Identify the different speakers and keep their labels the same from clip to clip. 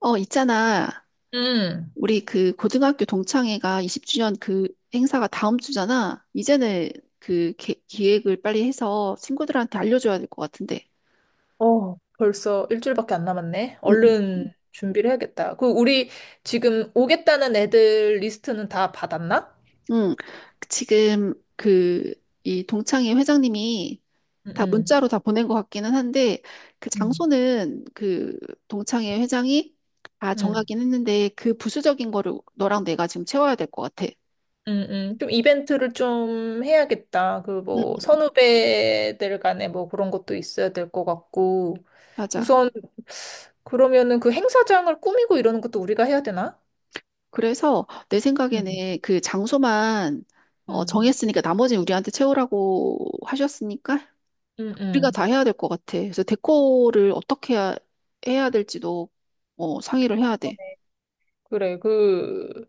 Speaker 1: 어, 있잖아.
Speaker 2: 응.
Speaker 1: 우리 그 고등학교 동창회가 20주년 그 행사가 다음 주잖아. 이제는 그 기획을 빨리 해서 친구들한테 알려줘야 될 것 같은데.
Speaker 2: 어, 벌써 일주일밖에 안 남았네.
Speaker 1: 응, 응. 응.
Speaker 2: 얼른 준비를 해야겠다. 그 우리 지금 오겠다는 애들 리스트는 다 받았나?
Speaker 1: 응. 지금 그 이 동창회 회장님이 다
Speaker 2: 응.
Speaker 1: 문자로 다 보낸 것 같기는 한데 그
Speaker 2: 응.
Speaker 1: 장소는 그 동창회 회장이 다
Speaker 2: 응.
Speaker 1: 정하긴 했는데 그 부수적인 거를 너랑 내가 지금 채워야 될 것 같아.
Speaker 2: 응 응 좀 이벤트를 좀 해야겠다. 그
Speaker 1: 응,
Speaker 2: 뭐 선후배들 간에 뭐 그런 것도 있어야 될 것 같고.
Speaker 1: 맞아.
Speaker 2: 우선 그러면은 그 행사장을 꾸미고 이러는 것도 우리가 해야 되나?
Speaker 1: 그래서 내
Speaker 2: 응.
Speaker 1: 생각에는 그 장소만 어,
Speaker 2: 응.
Speaker 1: 정했으니까 나머지는 우리한테 채우라고 하셨으니까
Speaker 2: 응
Speaker 1: 우리가
Speaker 2: 응
Speaker 1: 다 해야 될 것 같아. 그래서 데코를 어떻게 해야 될지도 어, 상의를 해야 돼.
Speaker 2: 그래. 그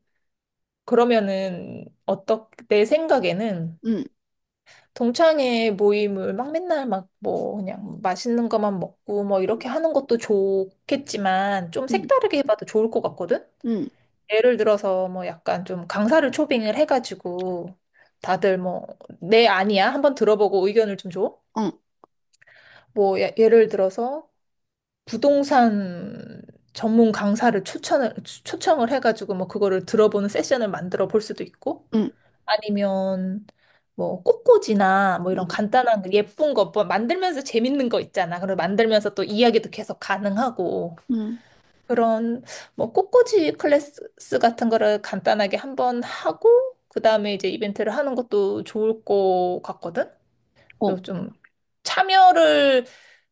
Speaker 2: 그러면은 어떻 내 생각에는
Speaker 1: 응,
Speaker 2: 동창회 모임을 막 맨날 막 뭐 그냥 맛있는 것만 먹고 뭐 이렇게 하는 것도 좋겠지만 좀
Speaker 1: 응,
Speaker 2: 색다르게 해봐도 좋을 것 같거든?
Speaker 1: 응,
Speaker 2: 예를 들어서 뭐 약간 좀 강사를 초빙을 해가지고 다들 뭐 내 아니야 한번 들어보고 의견을 좀 줘.
Speaker 1: 응,
Speaker 2: 뭐 예를 들어서 부동산 전문 강사를 추천을 초청을 해가지고 뭐 그거를 들어보는 세션을 만들어 볼 수도 있고
Speaker 1: 응,
Speaker 2: 아니면 뭐 꽃꽂이나 뭐 이런
Speaker 1: 응,
Speaker 2: 간단한 거, 예쁜 거 뭐 만들면서 재밌는 거 있잖아. 그리고 만들면서 또 이야기도 계속 가능하고
Speaker 1: 응.
Speaker 2: 그런 뭐 꽃꽂이 클래스 같은 거를 간단하게 한번 하고 그다음에 이제 이벤트를 하는 것도 좋을 것 같거든. 또
Speaker 1: 어.
Speaker 2: 좀 참여를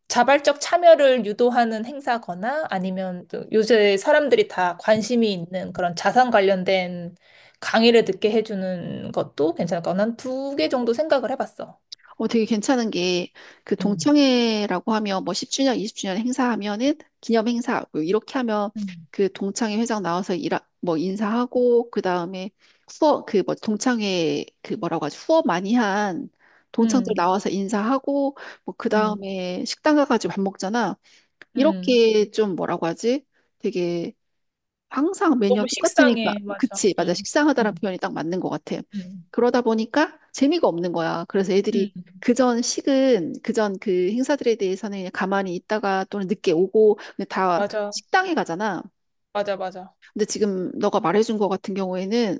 Speaker 2: 자발적 참여를 유도하는 행사거나 아니면 또 요새 사람들이 다 관심이 있는 그런 자산 관련된 강의를 듣게 해주는 것도 괜찮을 것 같아. 난두 개 정도 생각을 해봤어.
Speaker 1: 어, 되게 괜찮은 게, 그
Speaker 2: 음.
Speaker 1: 동창회라고 하면, 뭐 10주년, 20주년 행사하면은, 기념 행사 이렇게 하면,
Speaker 2: 음.
Speaker 1: 그 동창회 회장 나와서 뭐 인사하고, 그 다음에 후원, 그 뭐 동창회, 그 뭐라고 하지, 후원 많이 한 동창들
Speaker 2: 음,
Speaker 1: 나와서 인사하고, 뭐 그
Speaker 2: 음,
Speaker 1: 다음에 식당 가가지고 밥 먹잖아.
Speaker 2: 음.
Speaker 1: 이렇게 좀 뭐라고 하지? 되게 항상 매년
Speaker 2: 너무
Speaker 1: 똑같으니까.
Speaker 2: 식상해. 맞아.
Speaker 1: 그치, 맞아. 식상하다는
Speaker 2: 음,
Speaker 1: 표현이 딱 맞는 것 같아.
Speaker 2: 음,
Speaker 1: 그러다 보니까 재미가 없는 거야. 그래서
Speaker 2: 음.
Speaker 1: 애들이 그전 그 행사들에 대해서는 그냥 가만히 있다가 또는 늦게 오고, 근데 다
Speaker 2: 맞아.
Speaker 1: 식당에 가잖아.
Speaker 2: 맞아, 맞아.
Speaker 1: 근데 지금 너가 말해준 것 같은 경우에는,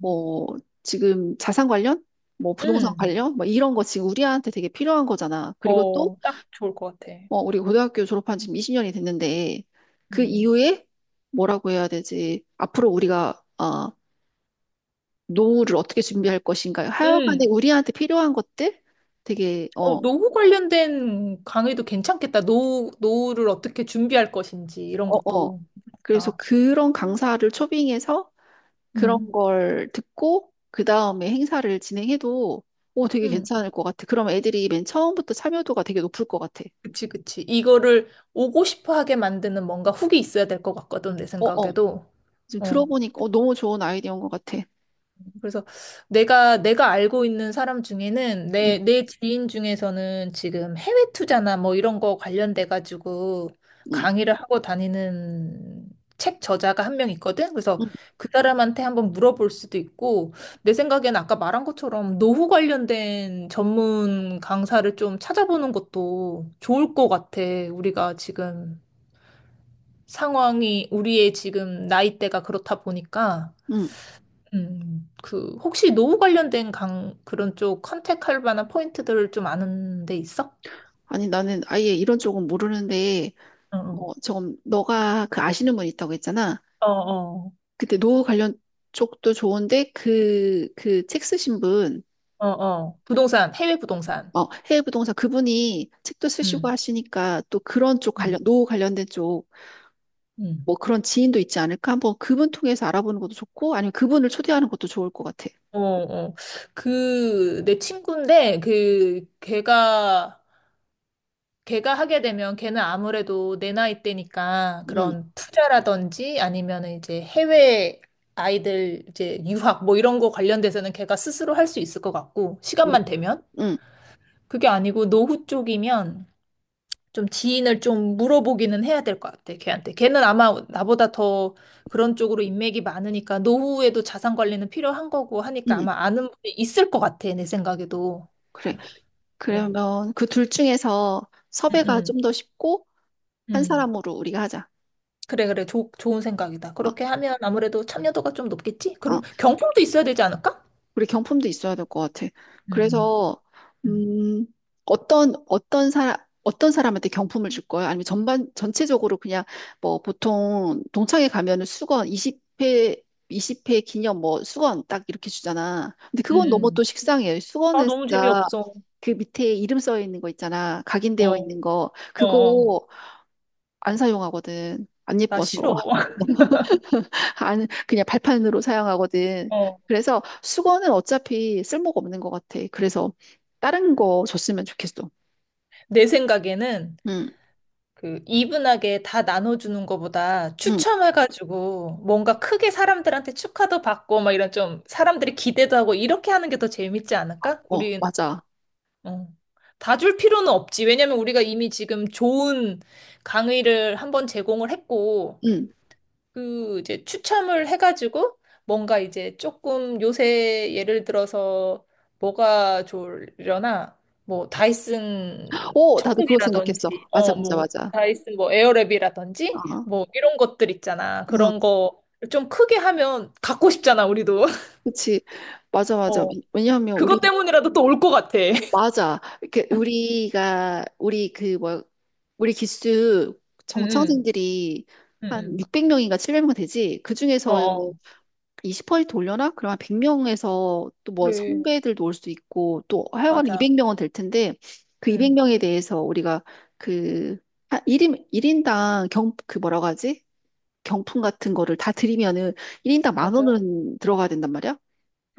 Speaker 2: 음.
Speaker 1: 뭐, 지금 자산 관련? 뭐, 부동산
Speaker 2: 음.
Speaker 1: 관련? 뭐, 이런 거 지금 우리한테 되게 필요한 거잖아. 그리고 또,
Speaker 2: 어, 딱 좋을 것 같아.
Speaker 1: 뭐 우리 고등학교 졸업한 지금 20년이 됐는데, 그
Speaker 2: 음.
Speaker 1: 이후에 뭐라고 해야 되지? 앞으로 우리가, 어, 노후를 어떻게 준비할 것인가요? 하여간에
Speaker 2: 음.
Speaker 1: 우리한테 필요한 것들 되게
Speaker 2: 어,
Speaker 1: 어,
Speaker 2: 노후 관련된 강의도 괜찮겠다. 노후, 노후를 어떻게 준비할 것인지, 이런
Speaker 1: 어, 어.
Speaker 2: 것도.
Speaker 1: 그래서
Speaker 2: 괜찮다.
Speaker 1: 그런 강사를 초빙해서 그런
Speaker 2: 음,
Speaker 1: 걸 듣고 그 다음에 행사를 진행해도 오 되게
Speaker 2: 음,
Speaker 1: 괜찮을 것 같아. 그러면 애들이 맨 처음부터 참여도가 되게 높을 것 같아.
Speaker 2: 그치, 그치. 이거를 오고 싶어 하게 만드는 뭔가 훅이 있어야 될 것 같거든, 내
Speaker 1: 어, 어.
Speaker 2: 생각에도.
Speaker 1: 지금
Speaker 2: 어,
Speaker 1: 들어보니까 어, 너무 좋은 아이디어인 것 같아.
Speaker 2: 그래서 내가 알고 있는 사람 중에는 내
Speaker 1: 응,
Speaker 2: 내 지인 중에서는 지금 해외 투자나 뭐 이런 거 관련돼 가지고
Speaker 1: 응,
Speaker 2: 강의를 하고 다니는 책 저자가 한 명 있거든. 그래서
Speaker 1: 응,
Speaker 2: 그 사람한테 한번 물어볼 수도 있고 내 생각엔 아까 말한 것처럼 노후 관련된 전문 강사를 좀 찾아보는 것도 좋을 것 같아. 우리가 지금 상황이 우리의 지금 나이대가 그렇다 보니까.
Speaker 1: 응.
Speaker 2: 그, 혹시 노후 관련된 그런 쪽 컨택할 만한 포인트들을 좀 아는 데 있어?
Speaker 1: 아니 나는 아예 이런 쪽은 모르는데
Speaker 2: 어,
Speaker 1: 어, 좀 너가 그 아시는 분 있다고 했잖아.
Speaker 2: 어, 어,
Speaker 1: 그때 노후 관련 쪽도 좋은데 그, 그 책 쓰신 분,
Speaker 2: 어, 어. 부동산, 해외 부동산.
Speaker 1: 어, 해외 부동산 그분이 책도 쓰시고
Speaker 2: 음,
Speaker 1: 하시니까 또 그런 쪽
Speaker 2: 음,
Speaker 1: 관련, 노후 관련된 쪽,
Speaker 2: 음.
Speaker 1: 뭐 그런 지인도 있지 않을까? 한번 그분 통해서 알아보는 것도 좋고, 아니면 그분을 초대하는 것도 좋을 것 같아.
Speaker 2: 어, 어. 그, 내 친구인데, 그, 걔가, 걔가 하게 되면 걔는 아무래도 내 나이 때니까
Speaker 1: 응,
Speaker 2: 그런 투자라든지 아니면 이제 해외 아이들 이제 유학 뭐 이런 거 관련돼서는 걔가 스스로 할 수 있을 것 같고,
Speaker 1: 응,
Speaker 2: 시간만 되면.
Speaker 1: 응,
Speaker 2: 그게 아니고 노후 쪽이면 좀 지인을 좀 물어보기는 해야 될 것 같아, 걔한테. 걔는 아마 나보다 더 그런 쪽으로 인맥이 많으니까 노후에도 자산 관리는 필요한 거고 하니까
Speaker 1: 응.
Speaker 2: 아마 아는 분이 있을 것 같아, 내 생각에도.
Speaker 1: 그래.
Speaker 2: 그래.
Speaker 1: 그러면 그 둘 중에서
Speaker 2: 응,
Speaker 1: 섭외가 좀
Speaker 2: 응,
Speaker 1: 더 쉽고, 한
Speaker 2: 응.
Speaker 1: 사람으로 우리가 하자.
Speaker 2: 그래, 그래. 좋 좋은 생각이다.
Speaker 1: 어,
Speaker 2: 그렇게 하면 아무래도 참여도가 좀 높겠지?
Speaker 1: 어.
Speaker 2: 그럼 경품도 있어야 되지 않을까?
Speaker 1: 우리 경품도 있어야 될 것 같아.
Speaker 2: 음,
Speaker 1: 그래서
Speaker 2: 음,
Speaker 1: 음, 어떤 어떤 사람 어떤 사람한테 경품을 줄 거야? 아니면 전반 전체적으로 그냥 뭐 보통 동창회 가면은 수건 20회 기념 뭐 수건 딱 이렇게 주잖아. 근데
Speaker 2: 음,
Speaker 1: 그건 너무 또
Speaker 2: 음.
Speaker 1: 식상해.
Speaker 2: 아,
Speaker 1: 수건은
Speaker 2: 너무
Speaker 1: 진짜
Speaker 2: 재미없어.
Speaker 1: 그 밑에 이름 써 있는 거 있잖아. 각인되어
Speaker 2: 어,
Speaker 1: 있는 거.
Speaker 2: 어, 어.
Speaker 1: 그거 안 사용하거든. 안
Speaker 2: 나
Speaker 1: 예뻐서.
Speaker 2: 싫어.
Speaker 1: 안, 그냥 발판으로 사용하거든.
Speaker 2: 어.
Speaker 1: 그래서 수건은 어차피 쓸모가 없는 것 같아. 그래서 다른 거 줬으면 좋겠어.
Speaker 2: 내 생각에는
Speaker 1: 응,
Speaker 2: 그 이분하게 다 나눠주는 것보다
Speaker 1: 응,
Speaker 2: 추첨해가지고 뭔가 크게 사람들한테 축하도 받고 막 이런 좀 사람들이 기대도 하고 이렇게 하는 게 더 재밌지 않을까?
Speaker 1: 어,
Speaker 2: 우리
Speaker 1: 맞아.
Speaker 2: 어. 다 줄 필요는 없지. 왜냐면 우리가 이미 지금 좋은 강의를 한번 제공을 했고
Speaker 1: 응.
Speaker 2: 그 이제 추첨을 해가지고 뭔가 이제 조금 요새 예를 들어서 뭐가 좋으려나 뭐 다이슨
Speaker 1: 오, 나도 그거 생각했어.
Speaker 2: 청소기라든지
Speaker 1: 맞아,
Speaker 2: 어
Speaker 1: 맞아,
Speaker 2: 뭐
Speaker 1: 맞아.
Speaker 2: 다이슨 뭐 에어랩이라든지
Speaker 1: 어,
Speaker 2: 뭐 이런 것들 있잖아
Speaker 1: 어,
Speaker 2: 그런 거 좀 크게 하면 갖고 싶잖아 우리도
Speaker 1: 그치. 맞아, 맞아.
Speaker 2: 어
Speaker 1: 왜냐하면
Speaker 2: 그것
Speaker 1: 우리,
Speaker 2: 때문이라도 또 올 것 같아
Speaker 1: 맞아. 이렇게 우리가, 우리 그, 뭐, 우리 기수
Speaker 2: 응응
Speaker 1: 정창생들이 한
Speaker 2: 응응
Speaker 1: 600명인가 700명 되지? 그 중에서
Speaker 2: 어어
Speaker 1: 20% 돌려나? 그럼 한 100명에서 또 뭐
Speaker 2: 그래
Speaker 1: 선배들도 올 수 있고 또 하여간
Speaker 2: 맞아
Speaker 1: 200명은 될 텐데 그
Speaker 2: 응
Speaker 1: 200명에 대해서 우리가 그 아, 일인당 그 뭐라고 하지? 경품 같은 거를 다 드리면은 1인당 만
Speaker 2: 맞아
Speaker 1: 원은 들어가야 된단 말이야?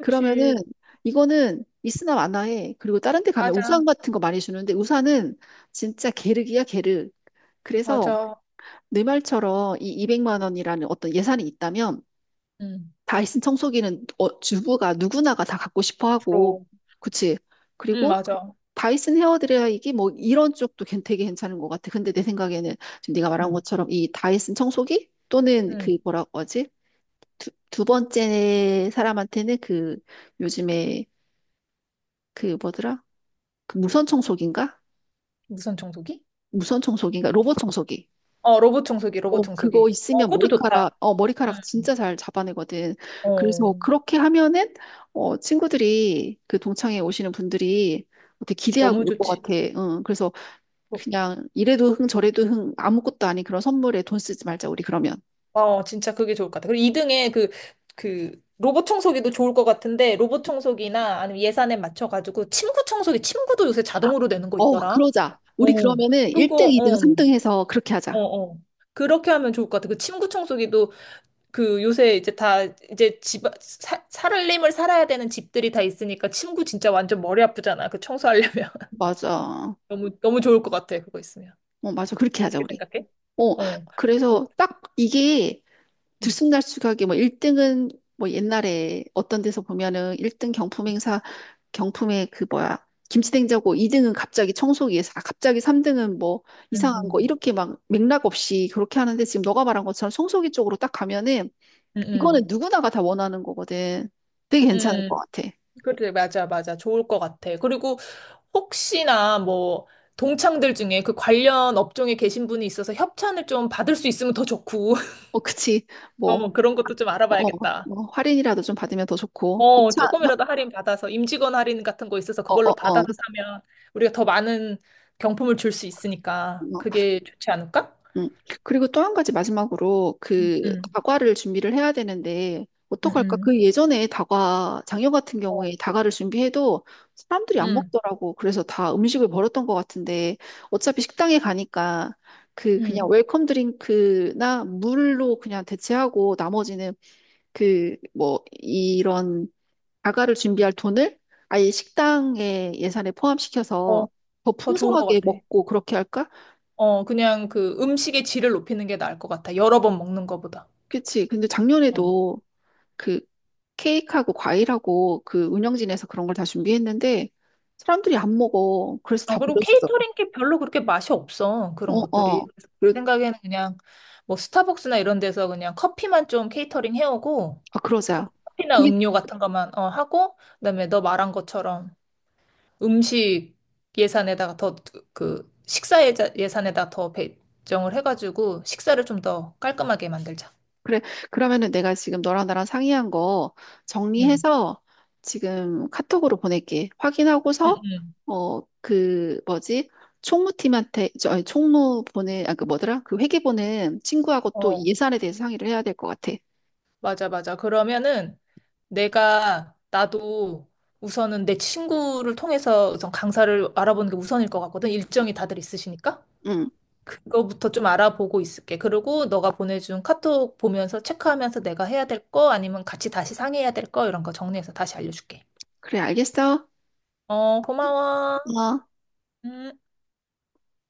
Speaker 1: 그러면은 이거는 있으나 마나에 그리고 다른 데 가면
Speaker 2: 맞아
Speaker 1: 우산 같은 거 많이 주는데 우산은 진짜 게르기야 게르. 그래서
Speaker 2: 맞아
Speaker 1: 내 말처럼 이 200만 원이라는 어떤 예산이 있다면
Speaker 2: 응
Speaker 1: 다이슨 청소기는 어, 주부가 누구나가 다 갖고 싶어 하고,
Speaker 2: 프로
Speaker 1: 그치?
Speaker 2: 응
Speaker 1: 그리고
Speaker 2: 맞아
Speaker 1: 다이슨 헤어드라이기 뭐 이런 쪽도 되게 괜찮은 것 같아. 근데 내 생각에는 지금 네가 말한
Speaker 2: 음.
Speaker 1: 것처럼 이 다이슨 청소기 또는 그
Speaker 2: 음.
Speaker 1: 뭐라고 하지? 두 번째 사람한테는 그 요즘에 그 뭐더라? 그 무선 청소기인가?
Speaker 2: 무선 청소기?
Speaker 1: 무선 청소기인가? 로봇 청소기.
Speaker 2: 어, 로봇 청소기, 로봇
Speaker 1: 어, 그거
Speaker 2: 청소기. 어,
Speaker 1: 있으면
Speaker 2: 그것도
Speaker 1: 머리카락,
Speaker 2: 좋다.
Speaker 1: 어,
Speaker 2: 응,
Speaker 1: 머리카락 진짜 잘 잡아내거든. 그래서
Speaker 2: 어,
Speaker 1: 그렇게 하면은, 어, 친구들이, 그 동창회 오시는 분들이 되게
Speaker 2: 너무
Speaker 1: 기대하고 올 것
Speaker 2: 좋지.
Speaker 1: 같아. 응, 그래서 그냥 이래도 흥, 저래도 흥, 아무것도 아닌 그런 선물에 돈 쓰지 말자, 우리 그러면.
Speaker 2: 어, 진짜 그게 좋을 것 같아. 그리고 2등에 그, 그, 로봇 청소기도 좋을 것 같은데, 로봇 청소기나 아니면 예산에 맞춰가지고, 침구 청소기, 침구도 요새 자동으로 되는 거
Speaker 1: 어,
Speaker 2: 있더라.
Speaker 1: 그러자. 우리
Speaker 2: 어,
Speaker 1: 그러면은 1등,
Speaker 2: 그거,
Speaker 1: 2등,
Speaker 2: 어,
Speaker 1: 3등 해서 그렇게
Speaker 2: 어,
Speaker 1: 하자.
Speaker 2: 어. 그렇게 하면 좋을 것 같아. 그 침구 청소기도 그 요새 이제 다 이제 살림을 살아야 되는 집들이 다 있으니까 침구 진짜 완전 머리 아프잖아. 그 청소하려면.
Speaker 1: 맞아.
Speaker 2: 너무 너무 좋을 것 같아. 그거 있으면.
Speaker 1: 어, 맞아. 그렇게 하자,
Speaker 2: 어떻게
Speaker 1: 우리.
Speaker 2: 생각해?
Speaker 1: 어,
Speaker 2: 어.
Speaker 1: 그래서 딱 이게
Speaker 2: 응
Speaker 1: 들쑥날쑥하게 뭐 1등은 뭐 옛날에 어떤 데서 보면은 1등 경품 행사 경품에 그 뭐야 김치냉장고 2등은 갑자기 청소기에서 아, 갑자기 3등은 뭐
Speaker 2: 음,
Speaker 1: 이상한 거
Speaker 2: 음,
Speaker 1: 이렇게 막 맥락 없이 그렇게 하는데 지금 너가 말한 것처럼 청소기 쪽으로 딱 가면은 이거는
Speaker 2: 음,
Speaker 1: 누구나가 다 원하는 거거든. 되게 괜찮을 것
Speaker 2: 음.
Speaker 1: 같아.
Speaker 2: 그래, 맞아, 맞아. 좋을 것 같아. 그리고 혹시나 뭐 동창들 중에 그 관련 업종에 계신 분이 있어서 협찬을 좀 받을 수 있으면 더 좋고.
Speaker 1: 어, 그치. 뭐,
Speaker 2: 어, 그런 것도 좀
Speaker 1: 어,
Speaker 2: 알아봐야겠다.
Speaker 1: 뭐 할인이라도 좀 받으면 더 좋고.
Speaker 2: 어,
Speaker 1: 협찬.
Speaker 2: 조금이라도 할인 받아서 임직원 할인 같은 거 있어서
Speaker 1: 어, 어,
Speaker 2: 그걸로
Speaker 1: 어.
Speaker 2: 받아서 사면 우리가 더 많은 경품을 줄 수 있으니까
Speaker 1: 어.
Speaker 2: 그게 좋지 않을까?
Speaker 1: 음. 그리고 또 한 가지 마지막으로
Speaker 2: 음,
Speaker 1: 그
Speaker 2: 음,
Speaker 1: 다과를 준비를 해야 되는데
Speaker 2: 음,
Speaker 1: 어떡할까?
Speaker 2: 음.
Speaker 1: 그 예전에 다과 장여 같은
Speaker 2: 어,
Speaker 1: 경우에 다과를 준비해도 사람들이 안
Speaker 2: 음,
Speaker 1: 먹더라고. 그래서 다 음식을 버렸던 것 같은데 어차피 식당에 가니까 그 그냥
Speaker 2: 음.
Speaker 1: 웰컴 드링크나 물로 그냥 대체하고 나머지는 그 뭐 이런 다과를 준비할 돈을 아예 식당의 예산에 포함시켜서
Speaker 2: 어,
Speaker 1: 더
Speaker 2: 더 좋은 것
Speaker 1: 풍성하게
Speaker 2: 같아.
Speaker 1: 먹고 그렇게 할까?
Speaker 2: 어, 그냥 그 음식의 질을 높이는 게 나을 것 같아. 여러 번 먹는 것보다.
Speaker 1: 그치. 근데
Speaker 2: 어.
Speaker 1: 작년에도 그 케이크하고 과일하고 그 운영진에서 그런 걸 다 준비했는데 사람들이 안 먹어. 그래서
Speaker 2: 어,
Speaker 1: 다
Speaker 2: 그리고
Speaker 1: 버렸어.
Speaker 2: 케이터링 게 별로 그렇게 맛이 없어. 그런
Speaker 1: 어,
Speaker 2: 것들이.
Speaker 1: 어.
Speaker 2: 그래서 내
Speaker 1: 그러,
Speaker 2: 생각에는 그냥 뭐 스타벅스나 이런 데서 그냥 커피만 좀 케이터링 해오고
Speaker 1: 아, 그러자.
Speaker 2: 커피나
Speaker 1: 그게
Speaker 2: 음료 같은 것만 어, 하고 그다음에 너 말한 것처럼 음식 예산에다가 더 그 식사 예산에다가 더 배정을 해가지고 식사를 좀 더 깔끔하게 만들자.
Speaker 1: 그래. 그러면은 내가 지금 너랑 나랑 상의한 거
Speaker 2: 응.
Speaker 1: 정리해서 지금 카톡으로 보낼게.
Speaker 2: 응,
Speaker 1: 확인하고서
Speaker 2: 응.
Speaker 1: 어, 그 뭐지? 총무팀한테 저 아니, 총무 보내 아 그 뭐더라? 그 회계 보는 친구하고 또
Speaker 2: 어,
Speaker 1: 이 예산에 대해서 상의를 해야 될 것 같아.
Speaker 2: 맞아, 맞아. 그러면은 나도 우선은 내 친구를 통해서 우선 강사를 알아보는 게 우선일 것 같거든. 일정이 다들 있으시니까.
Speaker 1: 응.
Speaker 2: 그거부터 좀 알아보고 있을게. 그리고 너가 보내준 카톡 보면서 체크하면서 내가 해야 될 거, 아니면 같이 다시 상의해야 될 거, 이런 거 정리해서 다시 알려줄게.
Speaker 1: 그래, 알겠어?
Speaker 2: 어, 고마워.
Speaker 1: 어.
Speaker 2: 음.